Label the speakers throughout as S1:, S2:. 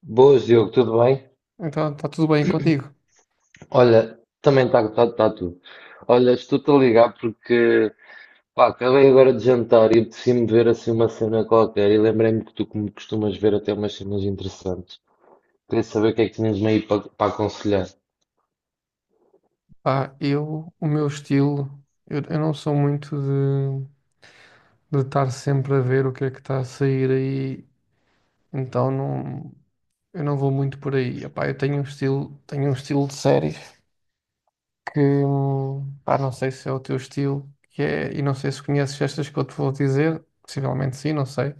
S1: Boas, Diogo, tudo bem?
S2: Então, está tudo bem contigo?
S1: Olha, também está tá tudo. Olha, estou-te a ligar porque pá, acabei agora de jantar e decidi-me ver assim uma cena qualquer e lembrei-me que tu como costumas ver até umas cenas interessantes. Queria saber o que é que tinhas-me aí para aconselhar.
S2: Pá, eu, o meu estilo, eu não sou muito de estar sempre a ver o que é que está a sair aí, então não, eu não vou muito por aí. Epá, eu tenho um estilo de séries que, pá, não sei se é o teu estilo, que é, e não sei se conheces estas que eu te vou dizer, possivelmente sim, não sei.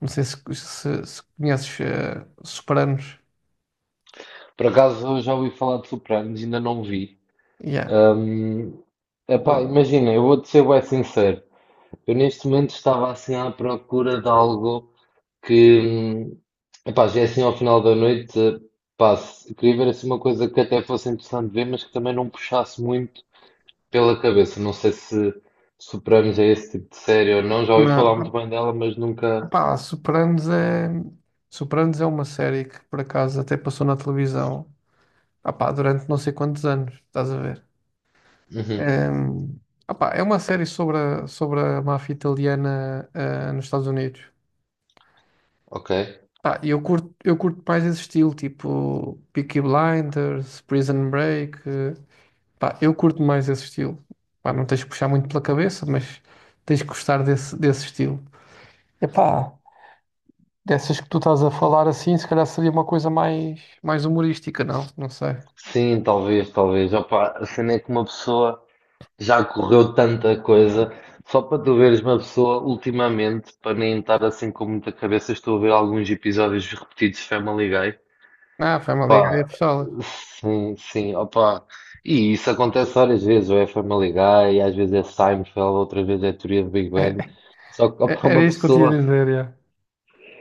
S2: Não sei se conheces Sopranos.
S1: Por acaso eu já ouvi falar de Sopranos, ainda não vi.
S2: Yeah.
S1: Hum, Epá, imagina, eu vou-te ser bem sincero. Eu neste momento estava assim à procura de algo que, epá, já é assim ao final da noite, pá, queria ver assim uma coisa que até fosse interessante ver, mas que também não puxasse muito pela cabeça. Não sei se superamos a esse tipo de série ou não, já ouvi falar muito
S2: Não.
S1: bem dela, mas nunca.
S2: Pá, Sopranos é uma série que por acaso até passou na televisão, pá, durante não sei quantos anos, estás a ver?
S1: Uhum,
S2: É, pá, é uma série sobre a máfia italiana, nos Estados Unidos.
S1: ok.
S2: Pá, e eu curto mais esse estilo, tipo Peaky Blinders, Prison Break. Pá, eu curto mais esse estilo. Pá, não tens que puxar muito pela cabeça, mas tens que gostar desse estilo. Epá, dessas que tu estás a falar assim, se calhar seria uma coisa mais humorística, não? Não sei.
S1: Sim, talvez, talvez. Opa, a cena é que uma pessoa. Já correu tanta coisa. Só para tu veres uma pessoa, ultimamente, para nem estar assim com muita cabeça, estou a ver alguns episódios repetidos de Family Guy.
S2: Ah, Family Guy é
S1: Pá,
S2: pistola.
S1: sim, sim, opá. E isso acontece várias vezes, ou é Family Guy, às vezes é Seinfeld, outra vez é Teoria do Big Bang.
S2: É,
S1: Só que, opá,
S2: era
S1: uma
S2: isso que eu tinha a
S1: pessoa,
S2: dizer, já.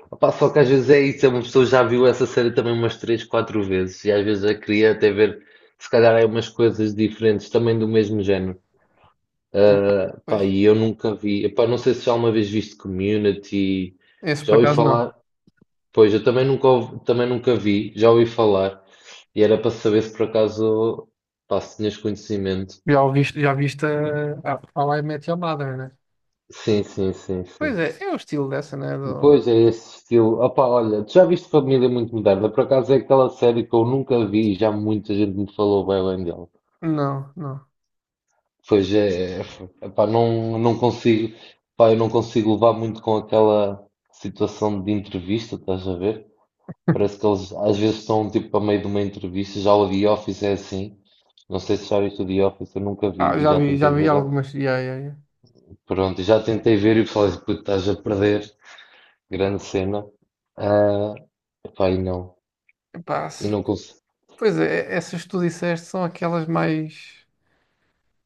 S1: opá, só que às vezes é isso, é uma pessoa já viu essa série também umas três, quatro vezes, e às vezes já queria até ver, se calhar, é umas coisas diferentes, também do mesmo género. Ah,
S2: Pois,
S1: pá, e eu nunca vi. Epá, não sei se já uma vez viste Community.
S2: esse por
S1: Já ouvi
S2: acaso não.
S1: falar. Pois, eu também nunca, ouvi- também nunca vi. Já ouvi falar. E era para saber se por acaso, pá, se tinhas conhecimento.
S2: Já ouviste, já viste a I Met Your Mother, né?
S1: Sim, sim, sim,
S2: Pois
S1: sim.
S2: é o estilo dessa, né? Do.
S1: Pois é esse estilo. Opá, olha, tu já viste Família Muito Moderna? Por acaso é aquela série que eu nunca vi e já muita gente me falou bem, bem dela.
S2: Não, não.
S1: Pois é, é, epá, não, não consigo, pá, eu não consigo levar muito com aquela situação de entrevista, estás a ver? Parece que eles às vezes estão tipo a meio de uma entrevista. Já o The Office é assim. Não sei se já viste o The Office, eu nunca vi
S2: Ah,
S1: e
S2: já
S1: já
S2: vi, já
S1: tentei
S2: vi
S1: ver.
S2: algumas. Yeah, yeah, yeah.
S1: Pronto, já tentei ver e falei, assim, puto, estás a perder. Grande cena. Ah, pá, e não.
S2: Epá,
S1: E não consigo.
S2: pois é, essas que tu disseste são aquelas mais,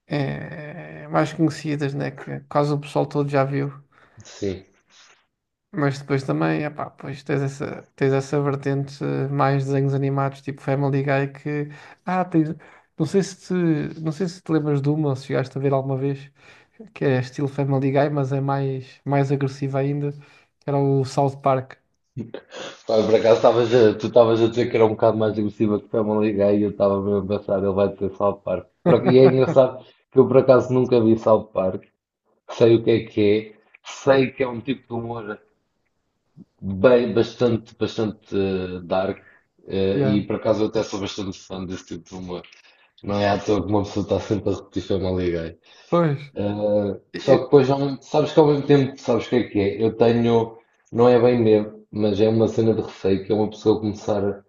S2: eh, mais conhecidas, né? Que quase o pessoal todo já viu.
S1: Sim.
S2: Mas depois também, epá, pois tens essa vertente mais desenhos animados, tipo Family Guy, que... Ah, tens. Não sei se te, não sei se te lembras de uma, ou se chegaste a ver alguma vez, que é estilo Family Guy, mas é mais agressiva ainda, que era o South Park.
S1: Pá, por acaso tu estavas a dizer que era um bocado mais agressiva que Family Guy e eu estava mesmo a pensar, ele vai dizer South Park. E é engraçado que eu por acaso nunca vi South Park. Sei o que é que é. Sei que é um tipo de humor. Bem, bastante, bastante dark.
S2: Yeah.
S1: E por acaso eu até sou bastante fã desse tipo de humor. Não é à toa que uma pessoa está sempre a repetir Family Guy.
S2: Pois.
S1: Eh,
S2: E-
S1: só que
S2: e-
S1: depois, sabes que ao mesmo tempo, sabes o que é que é? Eu tenho, não é bem medo, mas é uma cena de receio que é uma pessoa começar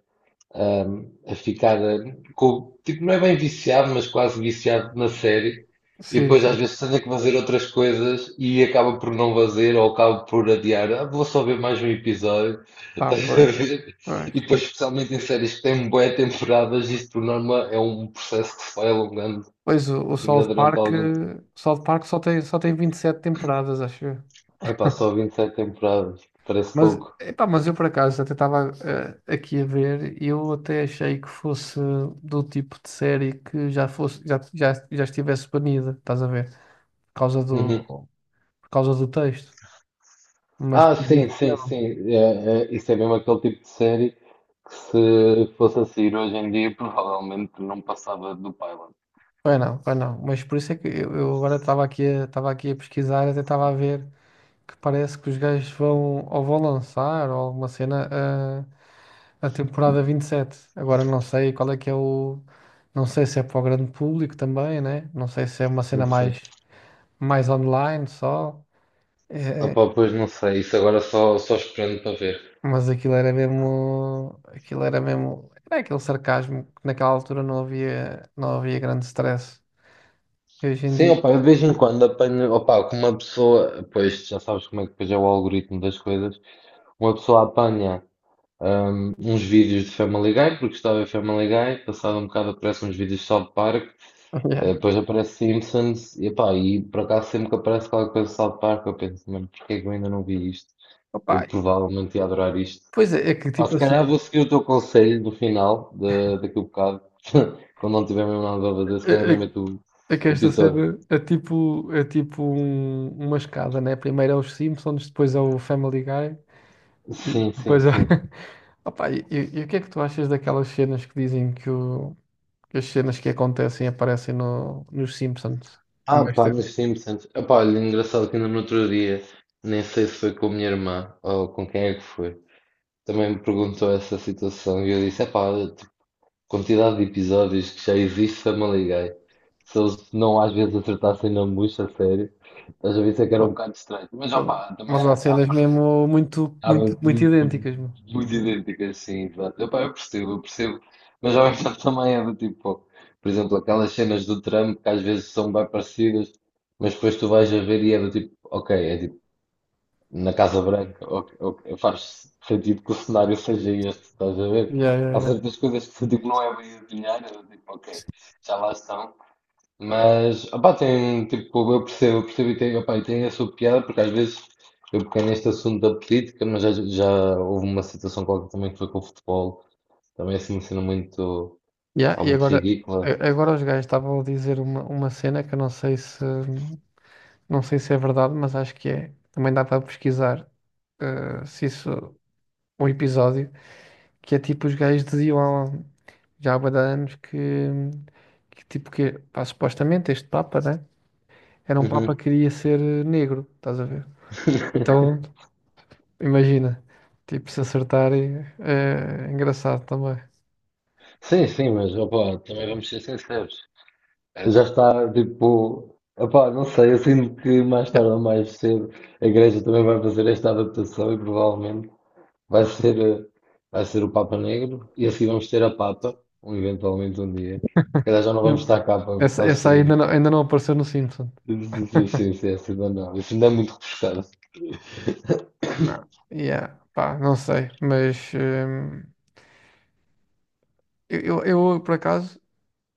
S1: a ficar com, tipo, não é bem viciado, mas quase viciado na série. E
S2: Sim,
S1: depois às
S2: sim.
S1: vezes tenho que fazer outras coisas e acaba por não fazer ou acaba por adiar. Ah, vou só ver mais um episódio.
S2: Pá,
S1: Estás a
S2: pois.
S1: ver? E
S2: Pois.
S1: depois, especialmente em séries que têm bué temporadas, isto por norma é um processo que se vai alongando
S2: Pois o
S1: ainda
S2: South
S1: durante
S2: Park,
S1: algum tempo.
S2: o South Park só tem 27 temporadas, acho eu.
S1: Epá, só 27 temporadas, parece
S2: Mas,
S1: pouco.
S2: epá, eu por acaso até estava aqui a ver e eu até achei que fosse do tipo de série que já fosse, já estivesse banida, estás a ver? Causa do,
S1: Uhum.
S2: por causa do texto. Mas
S1: Ah,
S2: por
S1: sim,
S2: visto
S1: sim,
S2: não.
S1: sim. É, é, isso é mesmo aquele tipo de série que se fosse a sair hoje em dia provavelmente não passava do pilot.
S2: Pois não, pois não. Mas por isso é que eu agora estava aqui a pesquisar, até estava a ver. Que parece que os gajos vão ou vão lançar ou alguma cena a temporada 27. Agora não sei qual é que é o. Não sei se é para o grande público também, né? Não sei se é uma
S1: Sim,
S2: cena
S1: sim.
S2: mais online só. É, é,
S1: Opa, pois não sei, isso agora só, só esperando para ver.
S2: mas aquilo era mesmo. Aquilo era mesmo. Era aquele sarcasmo que naquela altura não havia grande stress. E hoje em
S1: Sim,
S2: dia.
S1: opa, eu de vez em quando apanho, opa, com uma pessoa, pois já sabes como é que depois é o algoritmo das coisas, uma pessoa apanha uns vídeos de Family Guy, porque estava a ver Family Guy, passado um bocado aparecem uns vídeos de South Park.
S2: Yeah.
S1: Depois aparece Simpsons e, epá, e por acaso sempre que aparece qualquer coisa de South Park eu penso, mano, porque é que eu ainda não vi isto? Eu
S2: Opa,
S1: provavelmente ia adorar isto.
S2: pois é que
S1: Pá,
S2: tipo
S1: se
S2: assim.
S1: calhar vou seguir o teu conselho no final, de, daqui a um bocado, quando não tiver mesmo nada a fazer, se
S2: eh,
S1: calhar ainda
S2: eh,
S1: meto o
S2: É que esta
S1: episódio.
S2: cena é tipo uma escada, né? Primeiro é os Simpsons, depois é o Family Guy, e
S1: Sim, sim,
S2: depois é.
S1: sim.
S2: Opa, e o que é que tu achas daquelas cenas que dizem que as cenas que acontecem aparecem no, nos Simpsons há
S1: Ah,
S2: mais
S1: pá,
S2: tempo?
S1: mas Simpsons. Epá, olha, engraçado que ainda no outro dia, nem sei se foi com a minha irmã ou com quem é que foi, também me perguntou essa situação e eu disse, epá, quantidade de episódios que já existe Samaligai. Se eles não às vezes acertassem na bucha, a sério, às vezes é que era um
S2: Oh,
S1: bocado estranho. Mas
S2: oh,
S1: opá, também
S2: mas
S1: há,
S2: há
S1: há,
S2: cenas mesmo muito,
S1: há
S2: muito,
S1: muito,
S2: muito idênticas, meu.
S1: muito idênticas, sim, exato. Opá, eu percebo, eu percebo. Mas ao mesmo tempo também é do tipo, por exemplo, aquelas cenas do Trump que às vezes são bem parecidas, mas depois tu vais a ver e é do tipo, ok, é na Casa Branca, faz sentido que o cenário seja este, estás a ver?
S2: Yeah, yeah,
S1: Há
S2: yeah.
S1: certas coisas que se tipo, não é bem adivinhar, eu tipo, ok, já lá estão. Mas, opá, tem, tipo, eu percebo e tem, opá, e tem a sua piada, porque às vezes eu peguei neste assunto da política, mas já, já houve uma situação qualquer também que foi com o futebol, também assim, uma cena muito,
S2: Yeah,
S1: pá,
S2: e
S1: muito
S2: agora,
S1: ridícula.
S2: a- agora os gajos estavam a dizer uma cena que eu não sei se. Não sei se é verdade, mas acho que é. Também dá para pesquisar se isso, um episódio, que é tipo os gajos diziam já há bué de anos que, tipo que pá, supostamente este Papa, né? Era um Papa
S1: Uhum.
S2: que queria ser negro, estás a ver? Então imagina, tipo, se acertarem é engraçado também.
S1: Sim, sim, mas, opá, também vamos ser sinceros. Já está tipo. Epá, não sei, eu sinto que mais
S2: Yeah.
S1: tarde ou mais cedo a Igreja também vai fazer esta adaptação e provavelmente vai ser, eh, vai ser o Papa Negro e assim vamos ter a Papa, um, eventualmente um dia. Se calhar já não vamos
S2: Eu-
S1: estar cá para,
S2: Essa,
S1: para
S2: essa
S1: assistir
S2: aí ainda
S1: aí.
S2: não, ainda não apareceu no Simpson.
S1: Sim, sim, sim, sim, ainda não. Isso ainda é muito refrescado.
S2: Não. Yeah, pá, não sei, mas eu, por acaso.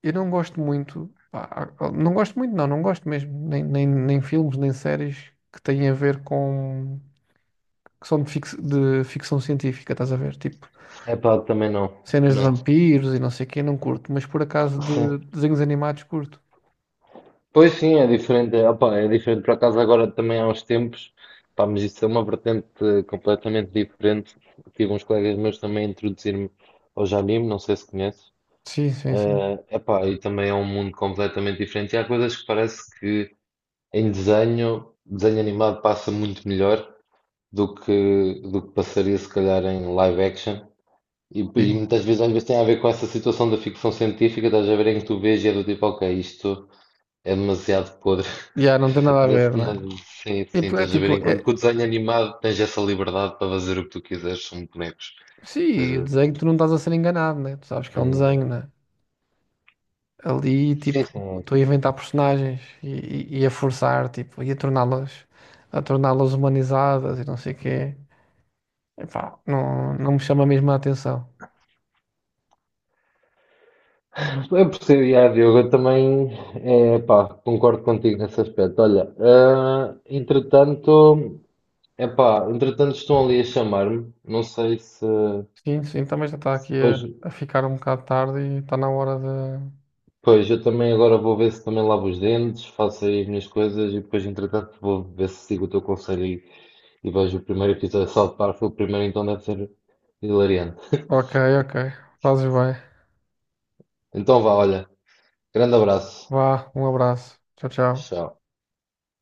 S2: Eu não gosto muito, pá, não gosto muito, não, não gosto mesmo, nem filmes, nem séries que têm a ver com, que são de ficção científica, estás a ver? Tipo,
S1: Epá, também não.
S2: cenas de
S1: Não.
S2: vampiros e não sei o quê, não curto, mas por acaso de desenhos animados curto.
S1: Pois sim, é diferente. Opa, é diferente por acaso agora também há uns tempos. Pá, mas isso é uma vertente completamente diferente. Tive uns colegas meus também a introduzir-me ao anime, não sei se conheces.
S2: Sim, sim, sim.
S1: Epá, e também é um mundo completamente diferente. E há coisas que parece que em desenho animado passa muito melhor do que passaria se calhar em live action. E
S2: Sim.
S1: muitas vezes, às vezes tem a ver com essa situação da ficção científica, estás a ver em que tu vês e é do tipo, ok, isto é demasiado podre.
S2: Já não tem nada a
S1: Parece
S2: ver,
S1: uma...
S2: né?
S1: Sim, sim,
S2: Tipo, é
S1: estás a ver?
S2: tipo,
S1: Enquanto que o desenho animado tens essa liberdade para fazer o que tu quiseres, são bonecos. Estás
S2: sim,
S1: a
S2: desenho tu não estás a ser enganado, né? Tu sabes que é um
S1: ver? É.
S2: desenho, né? Ali,
S1: Sim,
S2: tipo,
S1: sim.
S2: estou a inventar personagens e a forçar, tipo, e a torná-las humanizadas e não sei o quê. Epá, não, não me chama mesmo a atenção.
S1: Eu percebo, yeah, Diogo, eu também é, pá, concordo contigo nesse aspecto. Olha, ah, entretanto, é pá, entretanto estão ali a chamar-me. Não sei se,
S2: Sim, sim, também já está
S1: se
S2: aqui a,
S1: depois.
S2: a ficar um bocado tarde e está na hora de.
S1: Pois, eu também agora vou ver se também lavo os dentes, faço aí as minhas coisas e depois, entretanto, vou ver se sigo o teu conselho e vejo o primeiro episódio de South Park. Foi o primeiro, então deve ser hilariante.
S2: Ok, ok, fazes bem.
S1: Então vá, olha, grande abraço.
S2: Vá, um abraço. Tchau, tchau.
S1: Tchau.